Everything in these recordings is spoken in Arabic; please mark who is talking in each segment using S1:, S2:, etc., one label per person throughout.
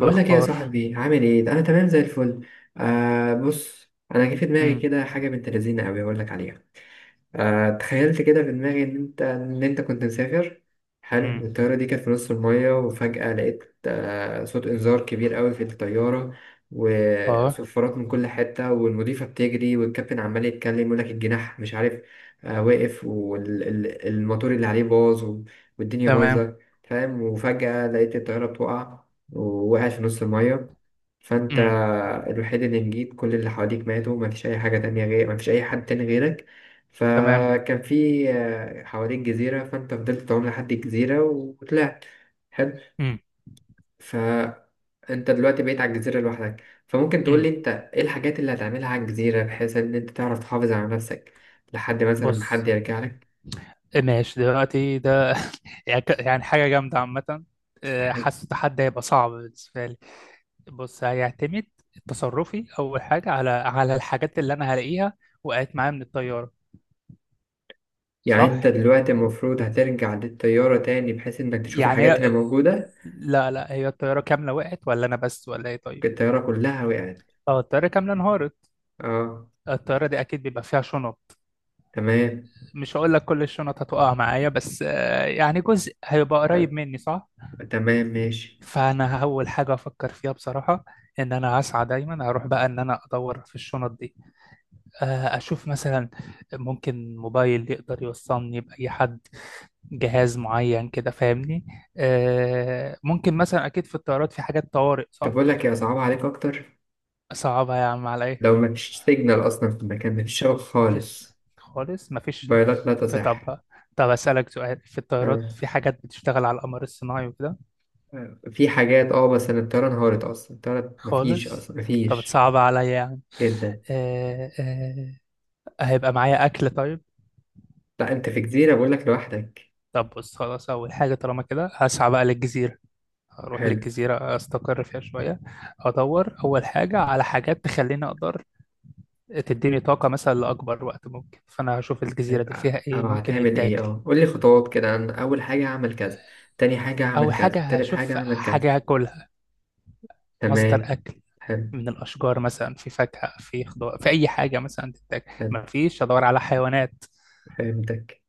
S1: بقول لك ايه يا صاحبي، عامل ايه. ده انا تمام زي الفل. بص، انا جه في دماغي
S2: مم.
S1: كده حاجه بنت لذينه قوي، اقول لك عليها. تخيلت كده في دماغي ان انت كنت مسافر.
S2: مم.
S1: حلو. الطياره دي كانت في نص الميه، وفجاه لقيت صوت انذار كبير قوي في الطياره،
S2: اه.
S1: وصفارات من كل حته، والمضيفه بتجري، والكابتن عمال يتكلم يقول لك الجناح مش عارف واقف، والموتور اللي عليه باظ والدنيا
S2: تمام.
S1: بايظه، فاهم. وفجاه لقيت الطياره بتقع، ووقعت في نص الميه. فانت
S2: مم.
S1: الوحيد اللي نجيت، كل اللي حواليك ماتوا، مفيش اي حاجه تانية غير، مفيش اي حد تاني غيرك.
S2: تمام.
S1: فكان في حواليك جزيرة، فأنت فضلت تعوم لحد الجزيرة وطلعت. حلو.
S2: مم.
S1: فأنت دلوقتي بقيت على الجزيرة لوحدك. فممكن
S2: مم.
S1: تقولي أنت، إيه الحاجات اللي هتعملها على الجزيرة بحيث إن أنت تعرف تحافظ على نفسك لحد مثلا ما
S2: بص،
S1: حد يرجع لك.
S2: ماشي دلوقتي ده. يعني يعني حاجة جامدة عامة.
S1: حلو.
S2: حاسس التحدي هيبقى صعب بالنسبة لي. بص، هيعتمد تصرفي أول حاجة على الحاجات اللي أنا هلاقيها، وقعت معايا من الطيارة،
S1: يعني أنت
S2: صح؟
S1: دلوقتي المفروض هترجع للطيارة تاني، بحيث إنك تشوف
S2: يعني
S1: الحاجات اللي
S2: هي،
S1: موجودة.
S2: لا لا، هي الطيارة كاملة وقعت ولا أنا بس ولا إيه طيب؟
S1: الطيارة كلها وقعت.
S2: اه، الطيارة كاملة انهارت.
S1: أه.
S2: الطيارة دي أكيد بيبقى فيها شنط.
S1: تمام.
S2: مش هقول لك كل الشنط هتقع معايا، بس يعني جزء هيبقى قريب
S1: آه،
S2: مني، صح.
S1: تمام ماشي.
S2: فانا اول حاجه افكر فيها بصراحه، ان انا هسعى دايما اروح بقى ان انا ادور في الشنط دي. اشوف مثلا ممكن موبايل يقدر يوصلني باي حد، جهاز معين كده، فاهمني. ممكن مثلا، اكيد في الطيارات في حاجات طوارئ،
S1: طب
S2: صح.
S1: أقول لك، يا صعب عليك أكتر،
S2: صعبه يا عم على ايه؟
S1: لو مفيش سيجنال أصلا في المكان، مفيش شبكة
S2: مفيش،
S1: خالص،
S2: خالص مفيش.
S1: موبايلات لا
S2: في،
S1: تصح.
S2: طب طب اسالك سؤال، في الطيارات
S1: آه.
S2: في حاجات بتشتغل على القمر الصناعي وكده.
S1: آه. في حاجات بس أنا الطيارة انهارت أصلا، الطيارة مفيش
S2: خالص.
S1: أصلا
S2: طب
S1: مفيش.
S2: تصعب عليا يعني.
S1: جدا.
S2: آه آه. هيبقى معايا أكل طيب.
S1: لا أنت في جزيرة بقولك لوحدك.
S2: طب بص، خلاص، أول حاجة طالما كده هسعى بقى للجزيرة. أروح
S1: حلو.
S2: للجزيرة، أستقر فيها شوية. أدور أول حاجة على حاجات تخليني أقدر، تديني طاقة مثلا لأكبر وقت ممكن، فأنا هشوف الجزيرة
S1: حلو.
S2: دي فيها إيه
S1: أو
S2: ممكن
S1: هتعمل إيه
S2: يتاكل.
S1: قولي خطوات كده، أنا أول حاجة هعمل كذا، تاني حاجة
S2: أول
S1: هعمل كذا،
S2: حاجة
S1: تالت حاجة
S2: هشوف
S1: هعمل كذا.
S2: حاجة هاكلها، مصدر
S1: تمام.
S2: أكل.
S1: حلو.
S2: من الأشجار مثلا، في فاكهة في خضار في أي حاجة مثلا تتاكل،
S1: حلو
S2: مفيش أدور على حيوانات.
S1: فهمتك.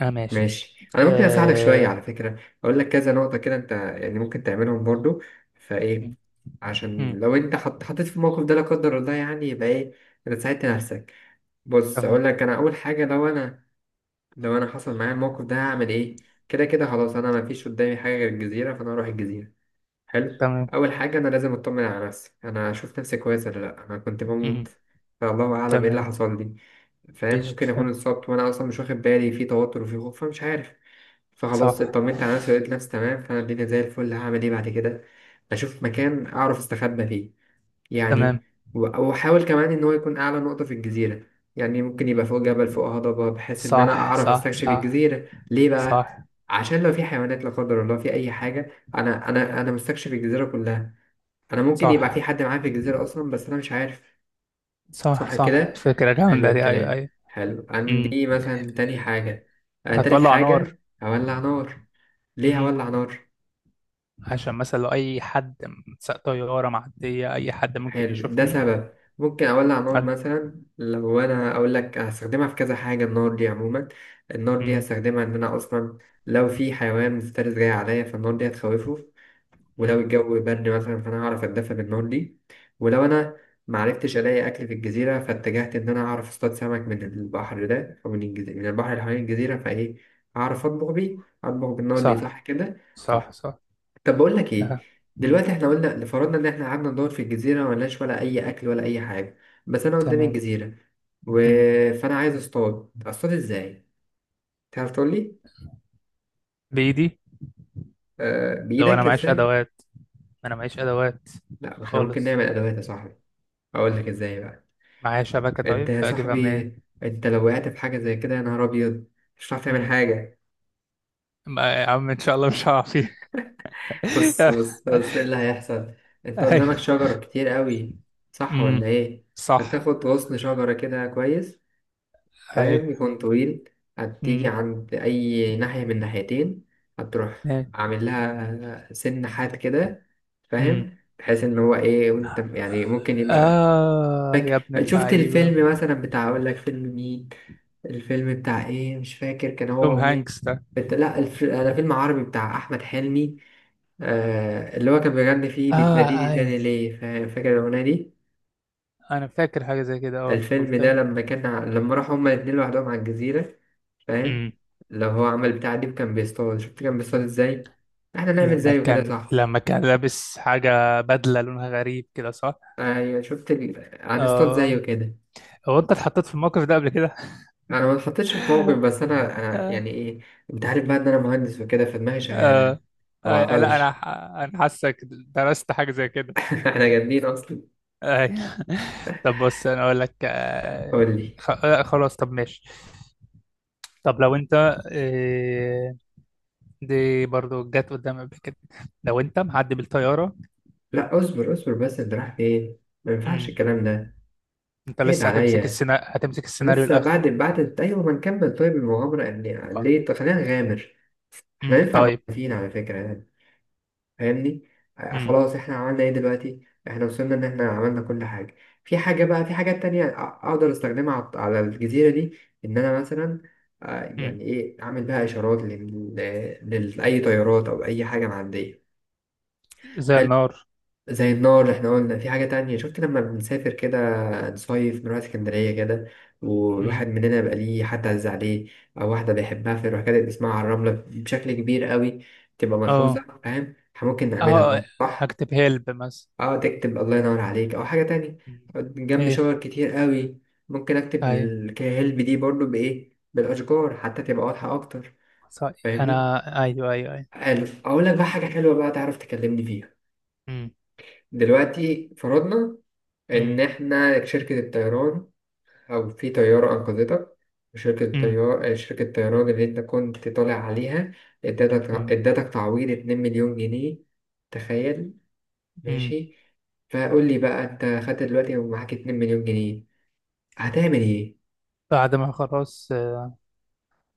S2: أنا ماشي.
S1: ماشي. انا ممكن اساعدك شويه
S2: آه.
S1: على فكره، اقول لك كذا نقطه كده انت يعني ممكن تعملهم برضو، فايه،
S2: مم. مم.
S1: عشان لو انت حطيت في الموقف ده لا قدر الله يعني، يبقى ايه، انت ساعدت نفسك. بص اقول
S2: تمام.
S1: لك، انا اول حاجه، لو انا حصل معايا الموقف ده هعمل ايه. كده كده خلاص، انا ما فيش قدامي حاجه غير الجزيره، فانا هروح الجزيره. حلو.
S2: تمام.
S1: اول حاجه انا لازم اطمن على نفسي، انا اشوف نفسي كويس ولا لا، انا كنت
S2: مم.
S1: بموت، فالله اعلم ايه اللي
S2: تمام.
S1: حصل لي، فاهم.
S2: قشطة،
S1: ممكن اكون
S2: فهم.
S1: اتصبت وانا اصلا مش واخد بالي، في توتر وفي خوف، فمش عارف.
S2: صح.
S1: فخلاص اطمنت على نفسي، لقيت نفسي تمام، فانا الدنيا زي الفل. هعمل ايه بعد كده؟ بشوف مكان اعرف استخبى فيه يعني،
S2: تمام.
S1: واحاول كمان ان هو يكون اعلى نقطة في الجزيرة، يعني ممكن يبقى فوق جبل، فوق هضبة، بحيث ان انا
S2: صح
S1: اعرف
S2: صح
S1: استكشف
S2: صح.
S1: الجزيرة. ليه بقى؟
S2: صح
S1: عشان لو في حيوانات لا قدر الله، في اي حاجة، انا مستكشف الجزيرة كلها. انا ممكن يبقى
S2: صح
S1: في حد معايا في الجزيرة اصلا بس انا مش عارف.
S2: صح
S1: صح
S2: صح.
S1: كده.
S2: فكرة
S1: حلو
S2: جامدة دي، أيوه
S1: الكلام،
S2: أيوه.
S1: حلو.
S2: مم.
S1: عندي مثلا تاني حاجة، تالت
S2: هتولع نار.
S1: حاجة، هولع نار. ليه
S2: مم.
S1: هولع نار؟
S2: عشان مثلا لو أي حد، سواق طيارة معدية، أي حد ممكن
S1: حلو، ده
S2: يشوفني.
S1: سبب ممكن أولع نار
S2: عارف.
S1: مثلا. لو أنا أقول لك، هستخدمها في كذا حاجة النار دي عموما. النار دي
S2: مم.
S1: هستخدمها إن أنا أصلا لو في حيوان مفترس جاي عليا، فالنار دي هتخوفه.
S2: مم.
S1: ولو الجو برد مثلا، فأنا هعرف أتدفى بالنار دي. ولو أنا معرفتش ألاقي أكل في الجزيرة، فاتجهت إن أنا أعرف أصطاد سمك من البحر ده، أو من الجزيرة، من البحر اللي حوالين الجزيرة، فإيه، أعرف أطبخ بيه، أطبخ بالنار دي.
S2: صح
S1: صح كده.
S2: صح
S1: صح.
S2: صح.
S1: طب بقول لك إيه،
S2: أها. مم.
S1: دلوقتي إحنا قلنا لفرضنا إن إحنا قعدنا ندور في الجزيرة، ملناش ولا أي أكل ولا أي حاجة، بس أنا قدامي
S2: تمام.
S1: الجزيرة و...
S2: مم.
S1: فأنا عايز أصطاد، أصطاد إزاي؟ تعرف تقول لي؟
S2: بإيدي.
S1: آه
S2: لو أنا
S1: بإيدك
S2: معيش
S1: إزاي؟
S2: أدوات، أنا معيش أدوات.
S1: لا ما إحنا ممكن
S2: خالص.
S1: نعمل أدوات يا صاحبي. أقول لك إزاي بقى.
S2: معايا شبكة
S1: انت
S2: طيب
S1: يا
S2: أجيبها
S1: صاحبي،
S2: منين؟
S1: انت لو وقعت في حاجة زي كده يا نهار ابيض، مش هتعرف تعمل حاجة.
S2: ما يا عم ان شاء الله مش هقع فيه.
S1: بص بص بص، ايه اللي هيحصل. انت
S2: اي.
S1: قدامك شجر كتير قوي، صح
S2: امم.
S1: ولا ايه.
S2: صح.
S1: هتاخد غصن شجرة كده كويس،
S2: اي.
S1: فاهم، يكون طويل. هتيجي
S2: امم.
S1: عند اي ناحية من ناحيتين، هتروح
S2: إيه.
S1: عامل لها سن حاد كده،
S2: امم.
S1: فاهم، بحيث ان هو ايه، وانت يعني ممكن يبقى.
S2: اه.
S1: فاكر
S2: يا ابن
S1: شفت
S2: اللعيبه!
S1: الفيلم مثلا بتاع، اقول لك فيلم مين. الفيلم بتاع ايه، مش فاكر كان
S2: توم
S1: هو ومين.
S2: هانكس ده.
S1: بت... لا الف... انا فيلم عربي بتاع احمد حلمي. اللي هو كان بيغني فيه
S2: اه.
S1: بتناديني
S2: اي،
S1: تاني ليه، فاكر الاغنيه دي.
S2: انا فاكر حاجه زي كده، اه،
S1: الفيلم ده
S2: بلطيء.
S1: لما لما راحوا هما الاتنين لوحدهم على الجزيره، فاهم.
S2: امم.
S1: لو هو عمل بتاع دي كان بيصطاد، شفت كان بيصطاد ازاي، احنا نعمل
S2: لما
S1: زيه كده
S2: كان
S1: صح.
S2: لما كان لابس حاجه، بدله لونها غريب كده، صح.
S1: ايوه شفت هنصطاد زيه
S2: اه.
S1: كده.
S2: هو انت اتحطيت في الموقف ده قبل كده؟
S1: انا ما اتحطيتش في موقف، بس انا
S2: آه.
S1: يعني ايه، انت عارف بقى ان انا مهندس وكده، فدماغي شغاله يعني،
S2: آه.
S1: ما
S2: آه. لا انا
S1: بعطلش.
S2: حاسك درست حاجه زي كده.
S1: احنا جامدين اصلا.
S2: أي. طب بص، انا اقول لك،
S1: قول لي.
S2: خلاص طب ماشي. طب لو انت، آه، دي برضو جت قدام قبل كده، لو انت معدي بالطياره.
S1: لا اصبر اصبر، بس انت رايح فين، ما ينفعش
S2: امم.
S1: الكلام ده.
S2: انت
S1: اهد
S2: لسه
S1: عليا.
S2: هتمسك السيناريو
S1: لسه
S2: الاخره.
S1: بعد ايوه، ما نكمل طيب المغامره، ان ليه. طب خلينا نغامر، احنا ينفع
S2: طيب.
S1: موقفين على فكره يعني. فاهمني.
S2: امم.
S1: خلاص احنا عملنا ايه دلوقتي؟ احنا وصلنا ان احنا عملنا كل حاجة. في حاجة بقى، في حاجات تانية اقدر استخدمها على الجزيرة دي، ان انا مثلا،
S2: امم.
S1: يعني ايه، اعمل بها اشارات لاي طيارات او اي حاجة معدية.
S2: زي
S1: حلو،
S2: النار.
S1: زي النار اللي احنا قلنا. في حاجة تانية، شفت لما بنسافر كده، نصيف، نروح اسكندرية كده، والواحد
S2: امم.
S1: مننا يبقى ليه حد عز عليه، أو واحدة بيحبها، فيروح كاتب اسمها على الرملة بشكل كبير قوي، تبقى
S2: اه
S1: ملحوظة، فاهم؟ احنا ممكن نعملها
S2: اه.
S1: برضه صح؟
S2: هكتب هيلب مثلا.
S1: اه تكتب الله ينور عليك او حاجه تانية،
S2: مم.
S1: جنب
S2: ايه.
S1: شجر كتير قوي. ممكن اكتب
S2: ايوه،
S1: الكاهلب دي برضو بايه، بالاشجار حتى تبقى واضحه اكتر،
S2: صحيح.
S1: فاهمني.
S2: انا، ايوه ايوه ايوه.
S1: حلو، اقول لك بقى حاجه حلوه بقى، تعرف تكلمني فيها.
S2: امم.
S1: دلوقتي فرضنا ان
S2: امم.
S1: احنا شركه الطيران، او في طياره انقذتك،
S2: امم.
S1: شركة الطيران اللي انت كنت طالع عليها، ادتك تعويض 2 مليون جنيه. تخيل.
S2: امم.
S1: ماشي. فقول لي بقى، انت خدت دلوقتي ومعاك 2 مليون جنيه، هتعمل ايه.
S2: بعد ما خلاص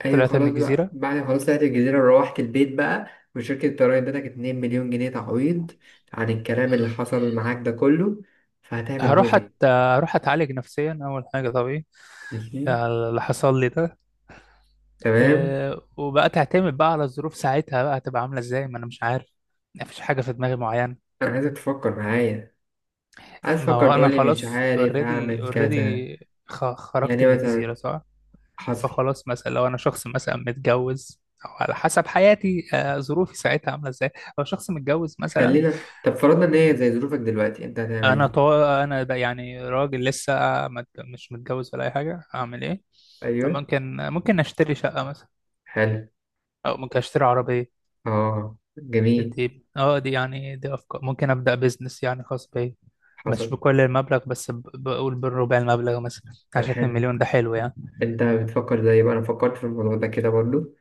S1: ايوه
S2: طلعت من
S1: خلاص بقى،
S2: الجزيره،
S1: بعد ما خلاص طلعت الجزيره، روحت البيت بقى، وشركه الضرايب ادتك 2 مليون جنيه تعويض عن الكلام اللي حصل معاك ده كله، فهتعمل بهم ايه.
S2: هروح اتعالج نفسيا اول حاجه، طبيعي.
S1: ماشي
S2: يعني اللي حصل لي ده.
S1: تمام.
S2: أه. وبقى تعتمد بقى على الظروف ساعتها بقى هتبقى عامله ازاي، ما انا مش عارف. مفيش حاجه في دماغي معينه.
S1: انا عايزك تفكر معايا، عايز
S2: ما
S1: تفكر
S2: هو
S1: تقول
S2: انا
S1: لي مش
S2: خلاص،
S1: عارف
S2: اوريدي
S1: هعمل كذا.
S2: اوريدي، خرجت
S1: يعني
S2: من الجزيره،
S1: مثلا،
S2: صح.
S1: حصل.
S2: فخلاص مثلا لو انا شخص مثلا متجوز، او على حسب حياتي ظروفي ساعتها عامله ازاي. لو شخص متجوز مثلا.
S1: خلينا، طب فرضنا ان هي زي ظروفك دلوقتي، انت هتعمل
S2: انا
S1: ايه.
S2: بقى يعني راجل لسه، مش متجوز ولا اي حاجه، اعمل ايه؟
S1: ايوه.
S2: ممكن، اشتري شقه مثلا،
S1: حلو.
S2: او ممكن اشتري عربيه.
S1: اه جميل.
S2: دي دي، يعني دي افكار، ممكن ابدا بزنس يعني خاص بيا. مش
S1: حصل.
S2: بكل المبلغ، بس بقول بالربع المبلغ مثلا، عشان 2
S1: حلو.
S2: مليون ده حلو يعني.
S1: انت بتفكر زي بقى انا فكرت في الموضوع ده كده برضو،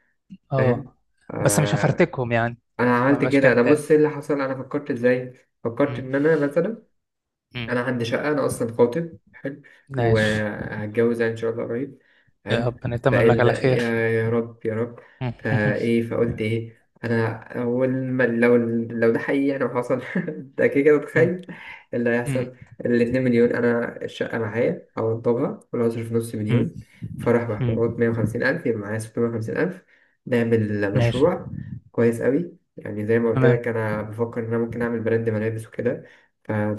S2: اه
S1: فاهم.
S2: بس مش
S1: آه
S2: هفرتكهم يعني،
S1: انا
S2: ما
S1: عملت
S2: بقاش
S1: كده، انا
S2: كداب.
S1: بص ايه اللي حصل، انا فكرت ازاي. فكرت
S2: مم.
S1: ان انا مثلا،
S2: مم.
S1: انا عندي شقه، انا اصلا خاطب، حلو،
S2: ماشي.
S1: وهتجوز يعني ان شاء الله قريب،
S2: يا
S1: حلو.
S2: ربنا يتمم لك
S1: فقال
S2: على خير.
S1: يا رب يا رب.
S2: مم.
S1: فايه، فقلت ايه انا، اول ما لو، لو ده حقيقي يعني وحصل، ده كده كده
S2: مم.
S1: تخيل اللي
S2: مم.
S1: هيحصل. الاتنين مليون، انا الشقه معايا هوضبها، ولا هصرف نص
S2: مم.
S1: مليون، فرح
S2: مم.
S1: بحوارات، 150 ألف، يبقى معايا 650 ألف، نعمل
S2: ماشي.
S1: مشروع كويس قوي، يعني زي ما قلت
S2: تمام
S1: لك، أنا بفكر إن أنا ممكن أعمل براند ملابس وكده،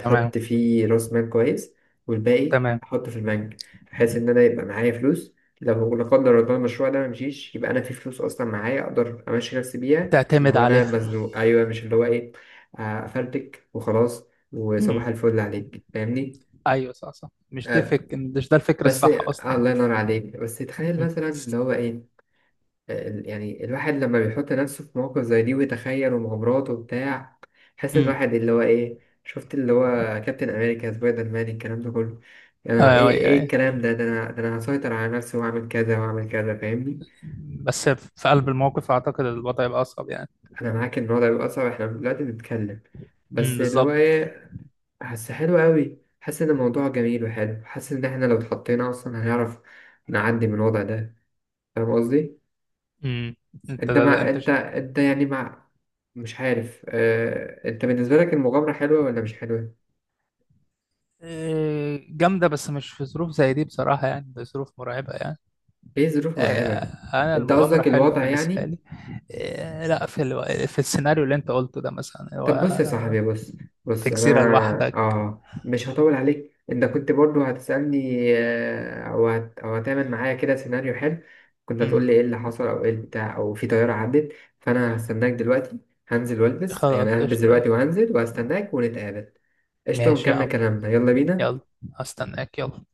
S2: تمام
S1: فيه راس مال كويس، والباقي
S2: تمام.
S1: احطه في البنك، بحيث ان انا يبقى معايا فلوس، لو لا قدر الله المشروع ده ممشيش، يبقى انا في فلوس اصلا معايا، اقدر امشي نفسي بيها
S2: تعتمد
S1: لو انا
S2: عليها.
S1: مزنوق، ايوه مش اللي هو ايه، افلتك وخلاص، وصباح
S2: مم.
S1: الفل عليك، فاهمني.
S2: ايوه صح صح، مش دي
S1: آه،
S2: مش ده الفكر
S1: بس
S2: الصح اصلا.
S1: الله ينور عليك، بس تخيل
S2: مم.
S1: مثلا اللي هو ايه، يعني الواحد لما بيحط نفسه في مواقف زي دي ويتخيل، ومغامرات وبتاع، حاسس ان
S2: مم.
S1: الواحد اللي هو ايه، شفت اللي هو، كابتن امريكا، سبايدر مان، الكلام ده كله، يعني
S2: ايوه
S1: ايه،
S2: ايوه
S1: ايه
S2: أيوة.
S1: الكلام ده، ده انا هسيطر على نفسي واعمل كذا واعمل كذا، فاهمني.
S2: بس في قلب الموقف اعتقد الوضع يبقى اصعب يعني.
S1: انا معاك ان الوضع بيبقى صعب، احنا دلوقتي بنتكلم،
S2: امم،
S1: بس اللي هو
S2: بالظبط.
S1: ايه، حاسس حلو قوي، حاسس ان الموضوع جميل وحلو، حاسس ان احنا لو اتحطينا اصلا هنعرف نعدي من الوضع ده، فاهم قصدي.
S2: امم. انت، ده انت
S1: انت انت يعني مع، مش عارف انت بالنسبة لك المغامرة حلوة ولا مش حلوة؟
S2: إيه، جامده بس مش في ظروف زي دي بصراحه يعني، ده ظروف مرعبه يعني.
S1: ايه ظروف
S2: إيه،
S1: مرعبة؟
S2: انا
S1: انت
S2: المغامره
S1: قصدك
S2: حلوه
S1: الوضع
S2: بالنسبه
S1: يعني؟
S2: لي. إيه، لا في في السيناريو اللي انت قلته ده مثلا،
S1: طب
S2: هو
S1: بص يا صاحبي، بص،
S2: في
S1: بص انا،
S2: جزيره لوحدك.
S1: اه مش هطول عليك، انت كنت برضو هتسألني، او هتعمل معايا كده سيناريو حلو، كنت
S2: امم.
S1: هتقول لي ايه اللي حصل، او ايه بتاع، او في طيارة عدت. فانا هستناك دلوقتي، هنزل والبس يعني،
S2: خلاص
S1: هلبس
S2: قشطه.
S1: دلوقتي وهنزل وهستناك ونتقابل. قشطة
S2: ماشي يا
S1: ونكمل
S2: عم،
S1: كلامنا، يلا بينا.
S2: يلا. هستناك، يلا.